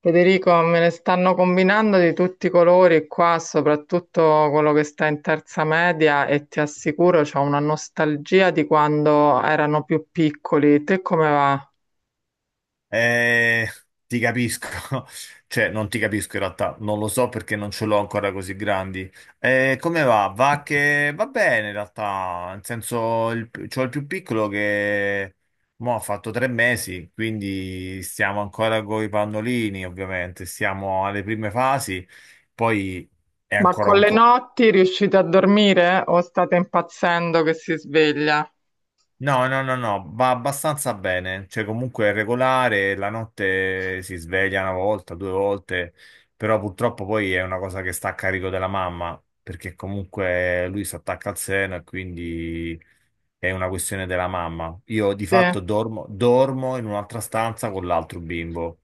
Federico, me ne stanno combinando di tutti i colori qua, soprattutto quello che sta in terza media e ti assicuro c'ho una nostalgia di quando erano più piccoli. Te come va? Eh, Ti capisco, cioè non ti capisco in realtà, non lo so perché non ce l'ho ancora così grandi. Come va? Va che va bene in realtà, nel senso c'ho il più piccolo che mo ha fatto tre mesi, quindi stiamo ancora con i pannolini ovviamente, siamo alle prime fasi, poi è Ma ancora con le notti riuscite a dormire o state impazzendo che si sveglia? No, no, no, no, va abbastanza bene, cioè comunque è regolare, la notte si sveglia una volta, due volte, però purtroppo poi è una cosa che sta a carico della mamma, perché comunque lui si attacca al seno e quindi è una questione della mamma. Io di Sì. fatto dormo, dormo in un'altra stanza con l'altro bimbo,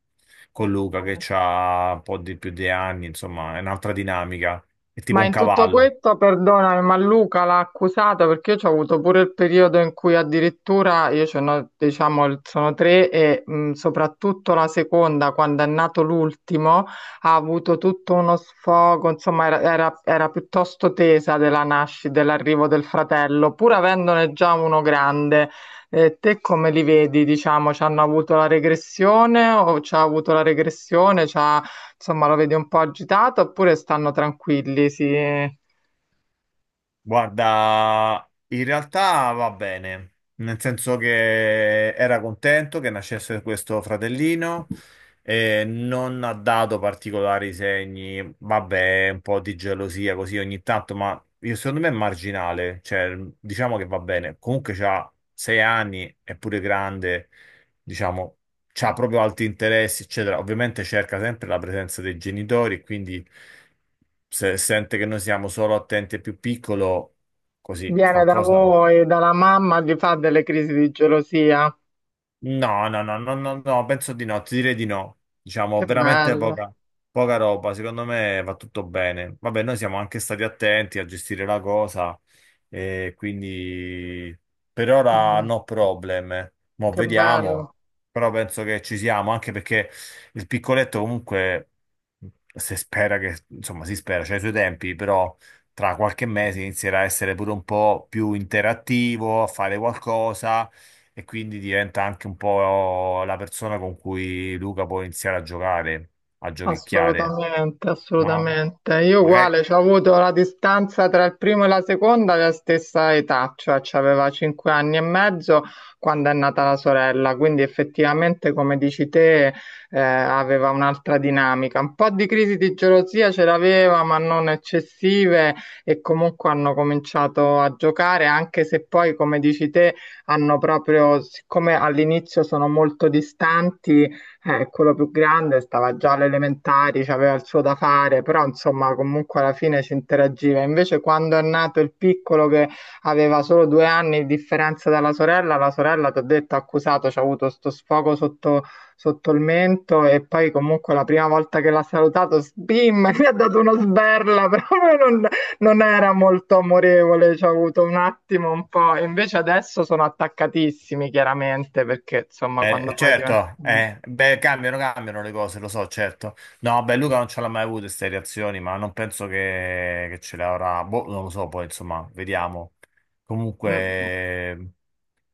con Luca che ha un po' di più di anni, insomma, è un'altra dinamica, è tipo Ma un in tutto cavallo. questo, perdonami, ma Luca l'ha accusata perché io ho avuto pure il periodo in cui addirittura io ce n'ho, diciamo, sono tre e soprattutto la seconda, quando è nato l'ultimo, ha avuto tutto uno sfogo, insomma, era piuttosto tesa della nascita, dell'arrivo del fratello, pur avendone già uno grande. Te come li vedi, diciamo, ci hanno avuto la regressione o ci ha avuto la regressione? Insomma, lo vedi un po' agitato oppure stanno tranquilli? Si... Viene Guarda, in realtà va bene, nel senso che era contento che nascesse questo fratellino e non ha dato particolari segni, vabbè, un po' di gelosia così ogni tanto, ma io, secondo me è marginale, cioè diciamo che va bene. Comunque c'ha sei anni, è pure grande, diciamo, c'ha proprio alti interessi, eccetera. Ovviamente cerca sempre la presenza dei genitori, quindi se sente che noi siamo solo attenti al più piccolo, così da qualcosa. voi, dalla mamma, gli fa delle crisi di gelosia. No, no, no, no, no, no, penso di no, ti direi di no. Che Diciamo, veramente bello. poca, poca roba, secondo me va tutto bene. Vabbè, noi siamo anche stati attenti a gestire la cosa, e quindi per ora Mm. no problem. Mo' Che vediamo, bello. però penso che ci siamo, anche perché il piccoletto comunque si spera che, insomma, si spera, c'ha i suoi tempi, però tra qualche mese inizierà a essere pure un po' più interattivo, a fare qualcosa e quindi diventa anche un po' la persona con cui Luca può iniziare a giocare, a giochicchiare, Assolutamente, no? assolutamente. Io Magari, uguale, ci ho avuto la distanza tra il primo e la seconda della stessa età, cioè ci aveva cinque anni e mezzo quando è nata la sorella, quindi effettivamente, come dici te, aveva un'altra dinamica. Un po' di crisi di gelosia ce l'aveva, ma non eccessive e comunque hanno cominciato a giocare, anche se poi, come dici te, hanno proprio, siccome all'inizio sono molto distanti quello più grande stava già alle elementari, c'aveva il suo da fare, però insomma comunque alla fine si interagiva. Invece quando è nato il piccolo che aveva solo due anni di differenza dalla sorella, la sorella ti ho detto ha accusato, c'ha avuto sto sfogo sotto, sotto il mento e poi comunque la prima volta che l'ha salutato, sbim, gli ha dato una sberla, proprio non era molto amorevole, ci ha avuto un attimo un po'. Invece adesso sono attaccatissimi chiaramente perché insomma quando poi diventa... certo, beh, cambiano le cose, lo so, certo. No, beh, Luca non ce l'ha mai avuto queste reazioni, ma non penso che ce le avrà, boh, non lo so, poi insomma, vediamo. Mm. Comunque...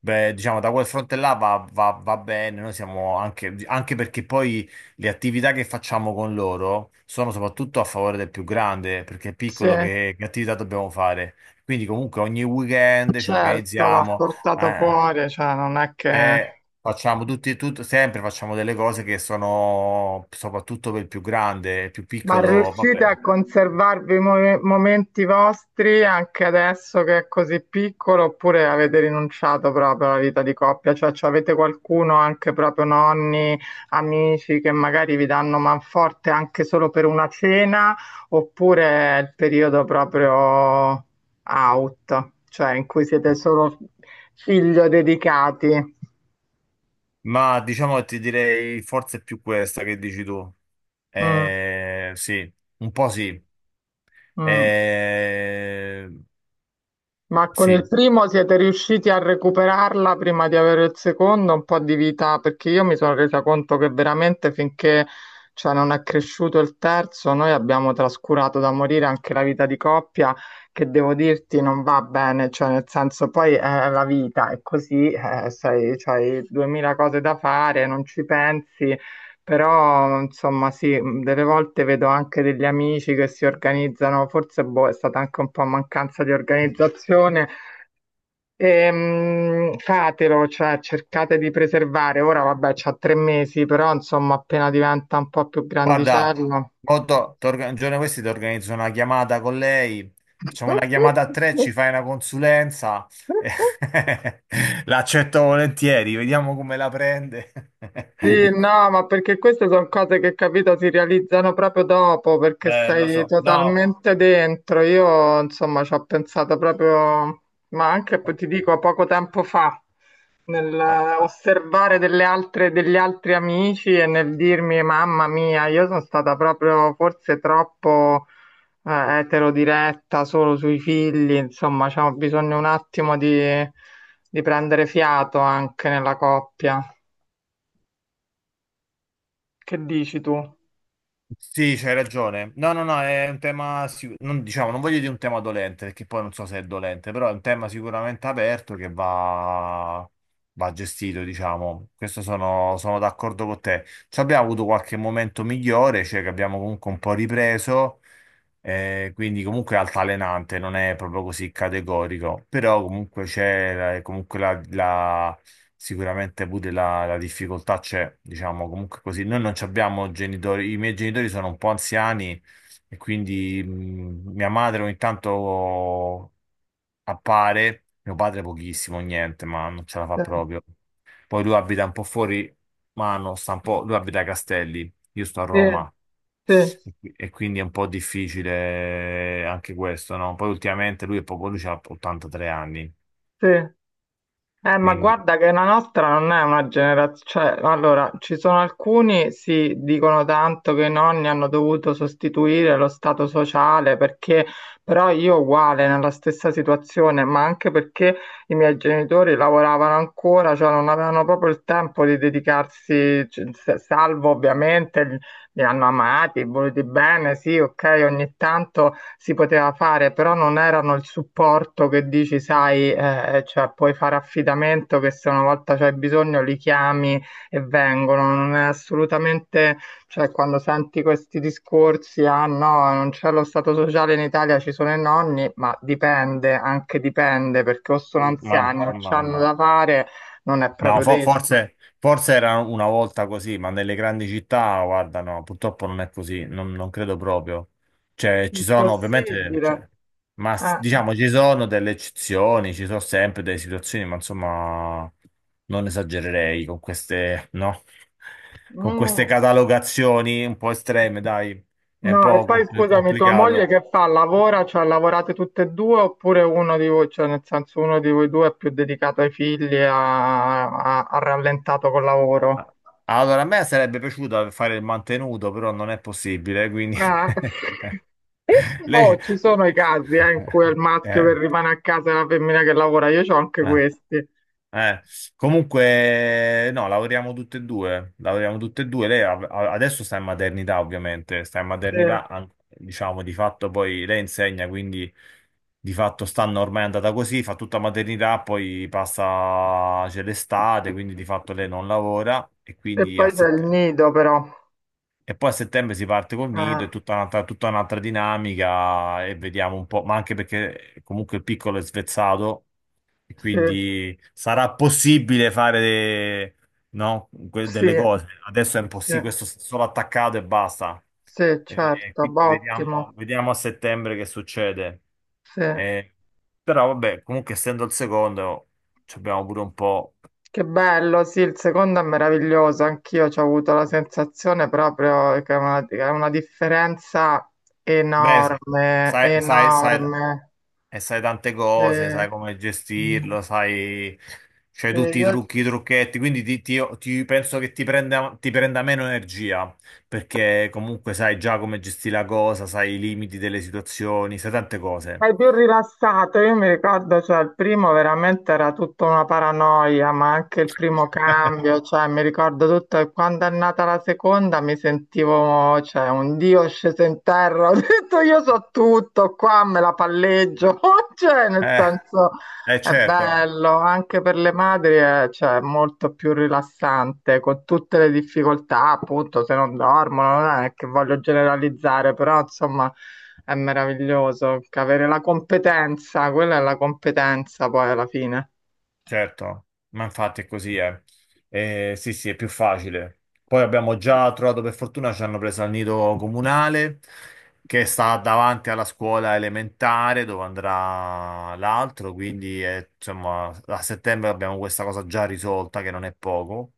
Beh, diciamo, da quel fronte là va bene, noi siamo anche, anche perché poi le attività che facciamo con loro sono soprattutto a favore del più grande, perché è Sì, piccolo che attività dobbiamo fare. Quindi comunque ogni weekend ci certo, va organizziamo, portato eh, fuori, cioè non è che... e facciamo tutti, sempre facciamo delle cose che sono soprattutto per il più grande, il più Ma piccolo, riuscite vabbè. a conservarvi i momenti vostri anche adesso che è così piccolo, oppure avete rinunciato proprio alla vita di coppia? Cioè, avete qualcuno, anche proprio nonni, amici, che magari vi danno manforte anche solo per una cena, oppure è il periodo proprio out, cioè in cui siete solo figlio dedicati? Ma diciamo che ti direi forse è più questa che dici tu. Mm, Sì, un po' sì. mm. Eh, Ma con il sì, primo siete riusciti a recuperarla prima di avere il secondo un po' di vita? Perché io mi sono resa conto che veramente finché non è cresciuto il terzo, noi abbiamo trascurato da morire anche la vita di coppia, che devo dirti non va bene, cioè nel senso poi è la vita, è così, sei, c'hai duemila cose da fare, non ci pensi. Però, insomma, sì, delle volte vedo anche degli amici che si organizzano, forse boh, è stata anche un po' mancanza di organizzazione. Fatelo, cioè cercate di preservare. Ora, vabbè, c'ha tre mesi, però, insomma, appena diventa un po' più guarda, grandicello. mo to- ti orga- un giorno di questi ti organizzo una chiamata con lei, facciamo una chiamata a tre, ci fai una consulenza, eh, l'accetto volentieri, vediamo come la prende. Sì, no, ma perché queste sono cose che, capito, si realizzano proprio dopo, perché lo sei so, no. totalmente dentro. Io, insomma, ci ho pensato proprio, ma anche, poi ti dico, poco tempo fa, nel osservare delle altre, degli altri amici e nel dirmi, mamma mia, io sono stata proprio forse troppo eterodiretta, solo sui figli, insomma, c'ho bisogno un attimo di prendere fiato anche nella coppia. Che dici tu? Sì, c'hai ragione. No, no, no, è un tema, sicu- non, diciamo, non voglio dire un tema dolente, perché poi non so se è dolente, però è un tema sicuramente aperto che va gestito, diciamo. Questo sono, sono d'accordo con te. Ci abbiamo avuto qualche momento migliore, cioè che abbiamo comunque un po' ripreso, quindi comunque è altalenante, non è proprio così categorico, però comunque comunque la... Sicuramente pure la difficoltà c'è, diciamo, comunque così. Noi non ci abbiamo genitori, i miei genitori sono un po' anziani e quindi mia madre ogni tanto appare, mio padre pochissimo, niente, ma non ce la fa Sì, proprio. Poi lui abita un po' fuori mano, sta un po', lui abita a Castelli, io sto a Roma sì, e quindi è un po' difficile anche questo, no? Poi ultimamente lui è poco, lui ha 83 anni, sì. Ma quindi... guarda che la nostra non è una generazione, cioè, allora, ci sono alcuni, sì, dicono tanto che i nonni hanno dovuto sostituire lo stato sociale perché, però io uguale, nella stessa situazione, ma anche perché i miei genitori lavoravano ancora, cioè non avevano proprio il tempo di dedicarsi, salvo ovviamente li hanno amati, voluti bene, sì, ok, ogni tanto si poteva fare, però non erano il supporto che dici, sai, cioè puoi fare affidamento che se una volta c'hai bisogno li chiami e vengono. Non è assolutamente, cioè quando senti questi discorsi, ah no, non c'è lo stato sociale in Italia, ci sono i nonni, ma dipende, anche dipende, perché o sono Mm, ma, anziani, o c'hanno mamma. da fare, non è No, proprio detto. forse, forse era una volta così, ma nelle grandi città, guarda, no, purtroppo non è così, non, non credo proprio. Cioè, ci sono ovviamente, Impossibile. cioè, Eh. diciamo ci sono delle eccezioni, ci sono sempre delle situazioni, ma insomma, non esagererei con queste, no? Con queste Mm. catalogazioni un po' estreme, dai, è un No, e po' poi scusami, tua moglie complicato. che fa? Lavora, cioè lavorate tutte e due oppure uno di voi, cioè nel senso uno di voi due è più dedicato ai figli, ha rallentato col lavoro? Ah, allora, a me sarebbe piaciuto fare il mantenuto, però non è possibile, quindi... Ah. Oh, Lei... ci sono i casi in cui è il maschio che Eh, rimane a casa e la femmina che lavora, io ho anche eh, questi. eh. Comunque, no, lavoriamo tutte e due, lavoriamo tutte e due. Adesso sta in maternità, ovviamente, sta in Sì. E maternità, diciamo, di fatto poi lei insegna, quindi di fatto stanno ormai è andata così, fa tutta maternità, poi passa, c'è l'estate, quindi di fatto lei non lavora e quindi a poi c'è il settembre. nido però. E poi a settembre si parte col nido, è Ah, tutta un'altra dinamica e vediamo un po', ma anche perché comunque il piccolo è svezzato e sì, quindi sarà possibile fare de- no, que- sì, delle cose. Adesso è sì, impossibile, questo è solo attaccato e basta. sì, E certo, quindi ottimo, vediamo, vediamo a settembre che succede. sì. Eh, però vabbè, comunque essendo il secondo, ci abbiamo pure un po'. Che bello, sì, il secondo è meraviglioso, anch'io ci ho avuto la sensazione proprio che è una differenza Beh, enorme, sai, sai, sai, enorme. e sai tante Sì. cose, sai come gestirlo, sai, c'hai Sì, tutti i io- trucchi, i trucchetti, quindi penso che ti prenda meno energia, perché comunque sai già come gestire la cosa, sai i limiti delle situazioni, sai tante cose. È più rilassato, io mi ricordo, cioè, il primo veramente era tutta una paranoia, ma anche il primo cambio, cioè, mi ricordo tutto, e quando è nata la seconda mi sentivo, cioè, un dio sceso in terra, ho detto io so tutto, qua me la palleggio, cioè, nel Eh, senso, eh è certo. bello, anche per le madri è, cioè, molto più rilassante, con tutte le difficoltà, appunto, se non dormono, non è che voglio generalizzare, però, insomma... È meraviglioso che avere la competenza, quella è la competenza poi alla fine. Certo, ma infatti è così, eh. Sì, sì, è più facile. Poi abbiamo già trovato, per fortuna, ci hanno preso al nido comunale che sta davanti alla scuola elementare dove andrà l'altro, quindi insomma a settembre abbiamo questa cosa già risolta che non è poco.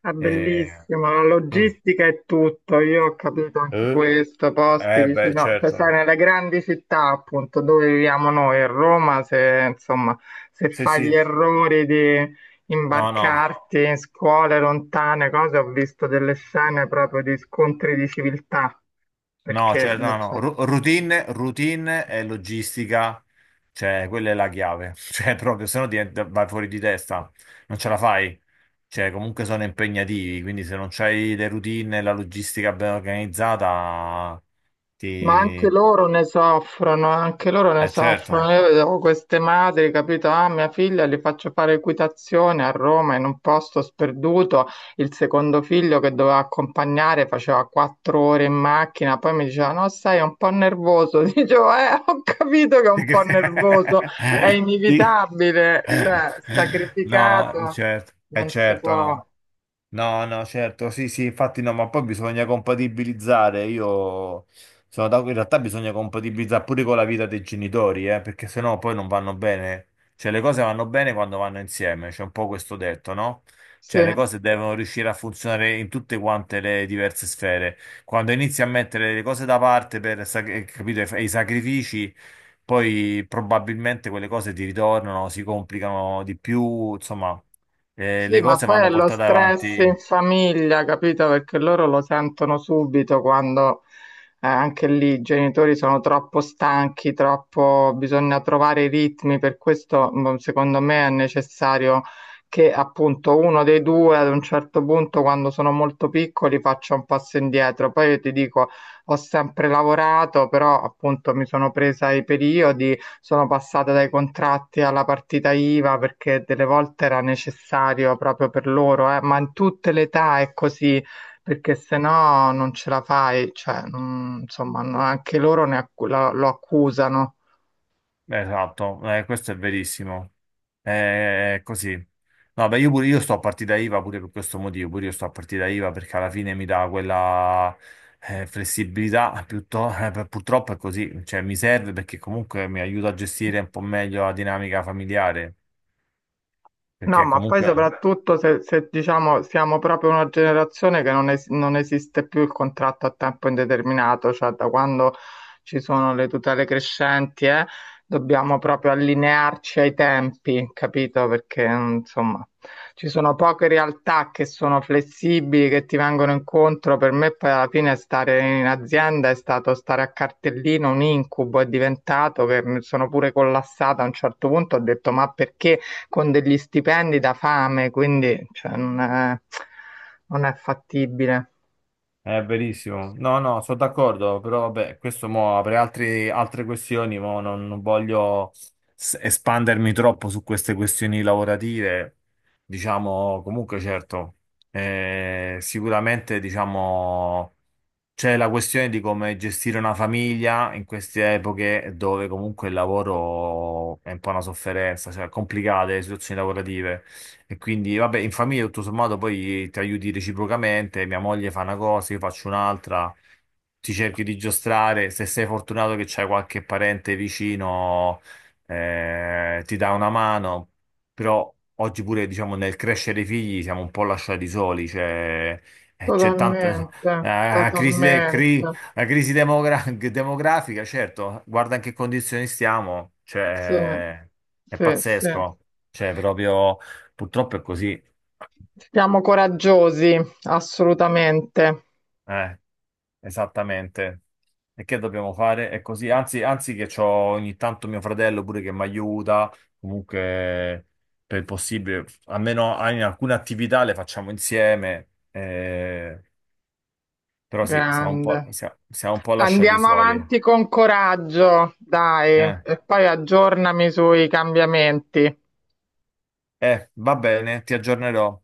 È Eh, bellissimo, la logistica è tutto, io ho capito anche eh, questo, posti beh, vicino, cioè sai, certo. nelle grandi città appunto dove viviamo noi, a Roma, se insomma, se Sì, fai gli sì. errori di No, no. imbarcarti in scuole lontane, cose, ho visto delle scene proprio di scontri di civiltà, No, perché cioè, non no, no, so. Routine, routine e logistica, cioè, quella è la chiave, cioè, proprio, se no vai fuori di testa, non ce la fai, cioè, comunque sono impegnativi, quindi se non c'hai le routine e la logistica ben organizzata, Ma anche ti... loro ne soffrono, anche loro ne certo. soffrono. Io vedevo queste madri, capito? Ah, mia figlia li faccio fare equitazione a Roma in un posto sperduto. Il secondo figlio che doveva accompagnare faceva quattro ore in macchina, poi mi diceva: No, sai, è un po' nervoso. Dicevo, ho capito che è Ti un po' nervoso, è cre- ti- inevitabile, cioè, No, sacrificato certo, è non si certo, può. no. No, no, certo, sì, sì, infatti no, ma poi bisogna compatibilizzare, io in realtà bisogna compatibilizzare pure con la vita dei genitori, perché sennò poi non vanno bene, cioè le cose vanno bene quando vanno insieme, c'è un po' questo detto, no? Sì. Cioè le cose devono riuscire a funzionare in tutte quante le diverse sfere, quando inizi a mettere le cose da parte per, capito, e i sacrifici, poi probabilmente quelle cose ti ritornano, si complicano di più, insomma, Sì, le ma cose poi vanno è lo portate stress in avanti. famiglia, capito? Perché loro lo sentono subito quando anche lì i genitori sono troppo stanchi, troppo... bisogna trovare i ritmi, per questo secondo me è necessario che appunto uno dei due ad un certo punto, quando sono molto piccoli, faccia un passo indietro. Poi io ti dico, ho sempre lavorato, però appunto mi sono presa i periodi sono passate dai contratti alla partita IVA perché delle volte era necessario proprio per loro, ma in tutte le età è così, perché se no non ce la fai, cioè, insomma, anche loro lo accusano. Esatto, questo è verissimo. È così. No, beh, io, pure, io sto a partita IVA pure per questo motivo, pure io sto a partita IVA perché alla fine mi dà quella flessibilità, purtroppo è così, cioè mi serve perché comunque mi aiuta a gestire un po' meglio la dinamica familiare, No, perché ma poi comunque... soprattutto se, se, diciamo siamo proprio una generazione che non esiste più il contratto a tempo indeterminato, cioè da quando ci sono le tutele crescenti, dobbiamo proprio allinearci ai tempi, capito? Perché insomma ci sono poche realtà che sono flessibili, che ti vengono incontro. Per me poi alla fine stare in azienda è stato stare a cartellino, un incubo, è diventato che mi sono pure collassata a un certo punto, ho detto ma perché? Con degli stipendi da fame, quindi cioè, non è fattibile. È verissimo. No, no, sono d'accordo, però vabbè, questo mo apre altre questioni, mo non, non voglio espandermi troppo su queste questioni lavorative. Diciamo, comunque, certo, sicuramente, diciamo. C'è la questione di come gestire una famiglia in queste epoche dove comunque il lavoro è un po' una sofferenza, cioè complicate le situazioni lavorative. E quindi, vabbè, in famiglia tutto sommato poi ti aiuti reciprocamente, mia moglie fa una cosa, io faccio un'altra, ti cerchi di giostrare, se sei fortunato che c'hai qualche parente vicino, ti dà una mano, però oggi pure, diciamo, nel crescere i figli siamo un po' lasciati soli, cioè... c'è tanta, Totalmente, la crisi, totalmente. La crisi demografica, certo, guarda in che condizioni stiamo, Sì, cioè, è sì, sì. pazzesco, cioè, proprio, purtroppo è così, Siamo coraggiosi, assolutamente. eh, esattamente. E che dobbiamo fare? È così, anzi, anzi che c'ho ogni tanto mio fratello pure che mi aiuta, comunque, per il possibile, almeno in alcune attività le facciamo insieme, però sì, siamo un po', Grande. siamo un po' lasciati Andiamo soli, avanti con coraggio, dai, eh. e poi aggiornami sui cambiamenti. Va bene, ti aggiornerò.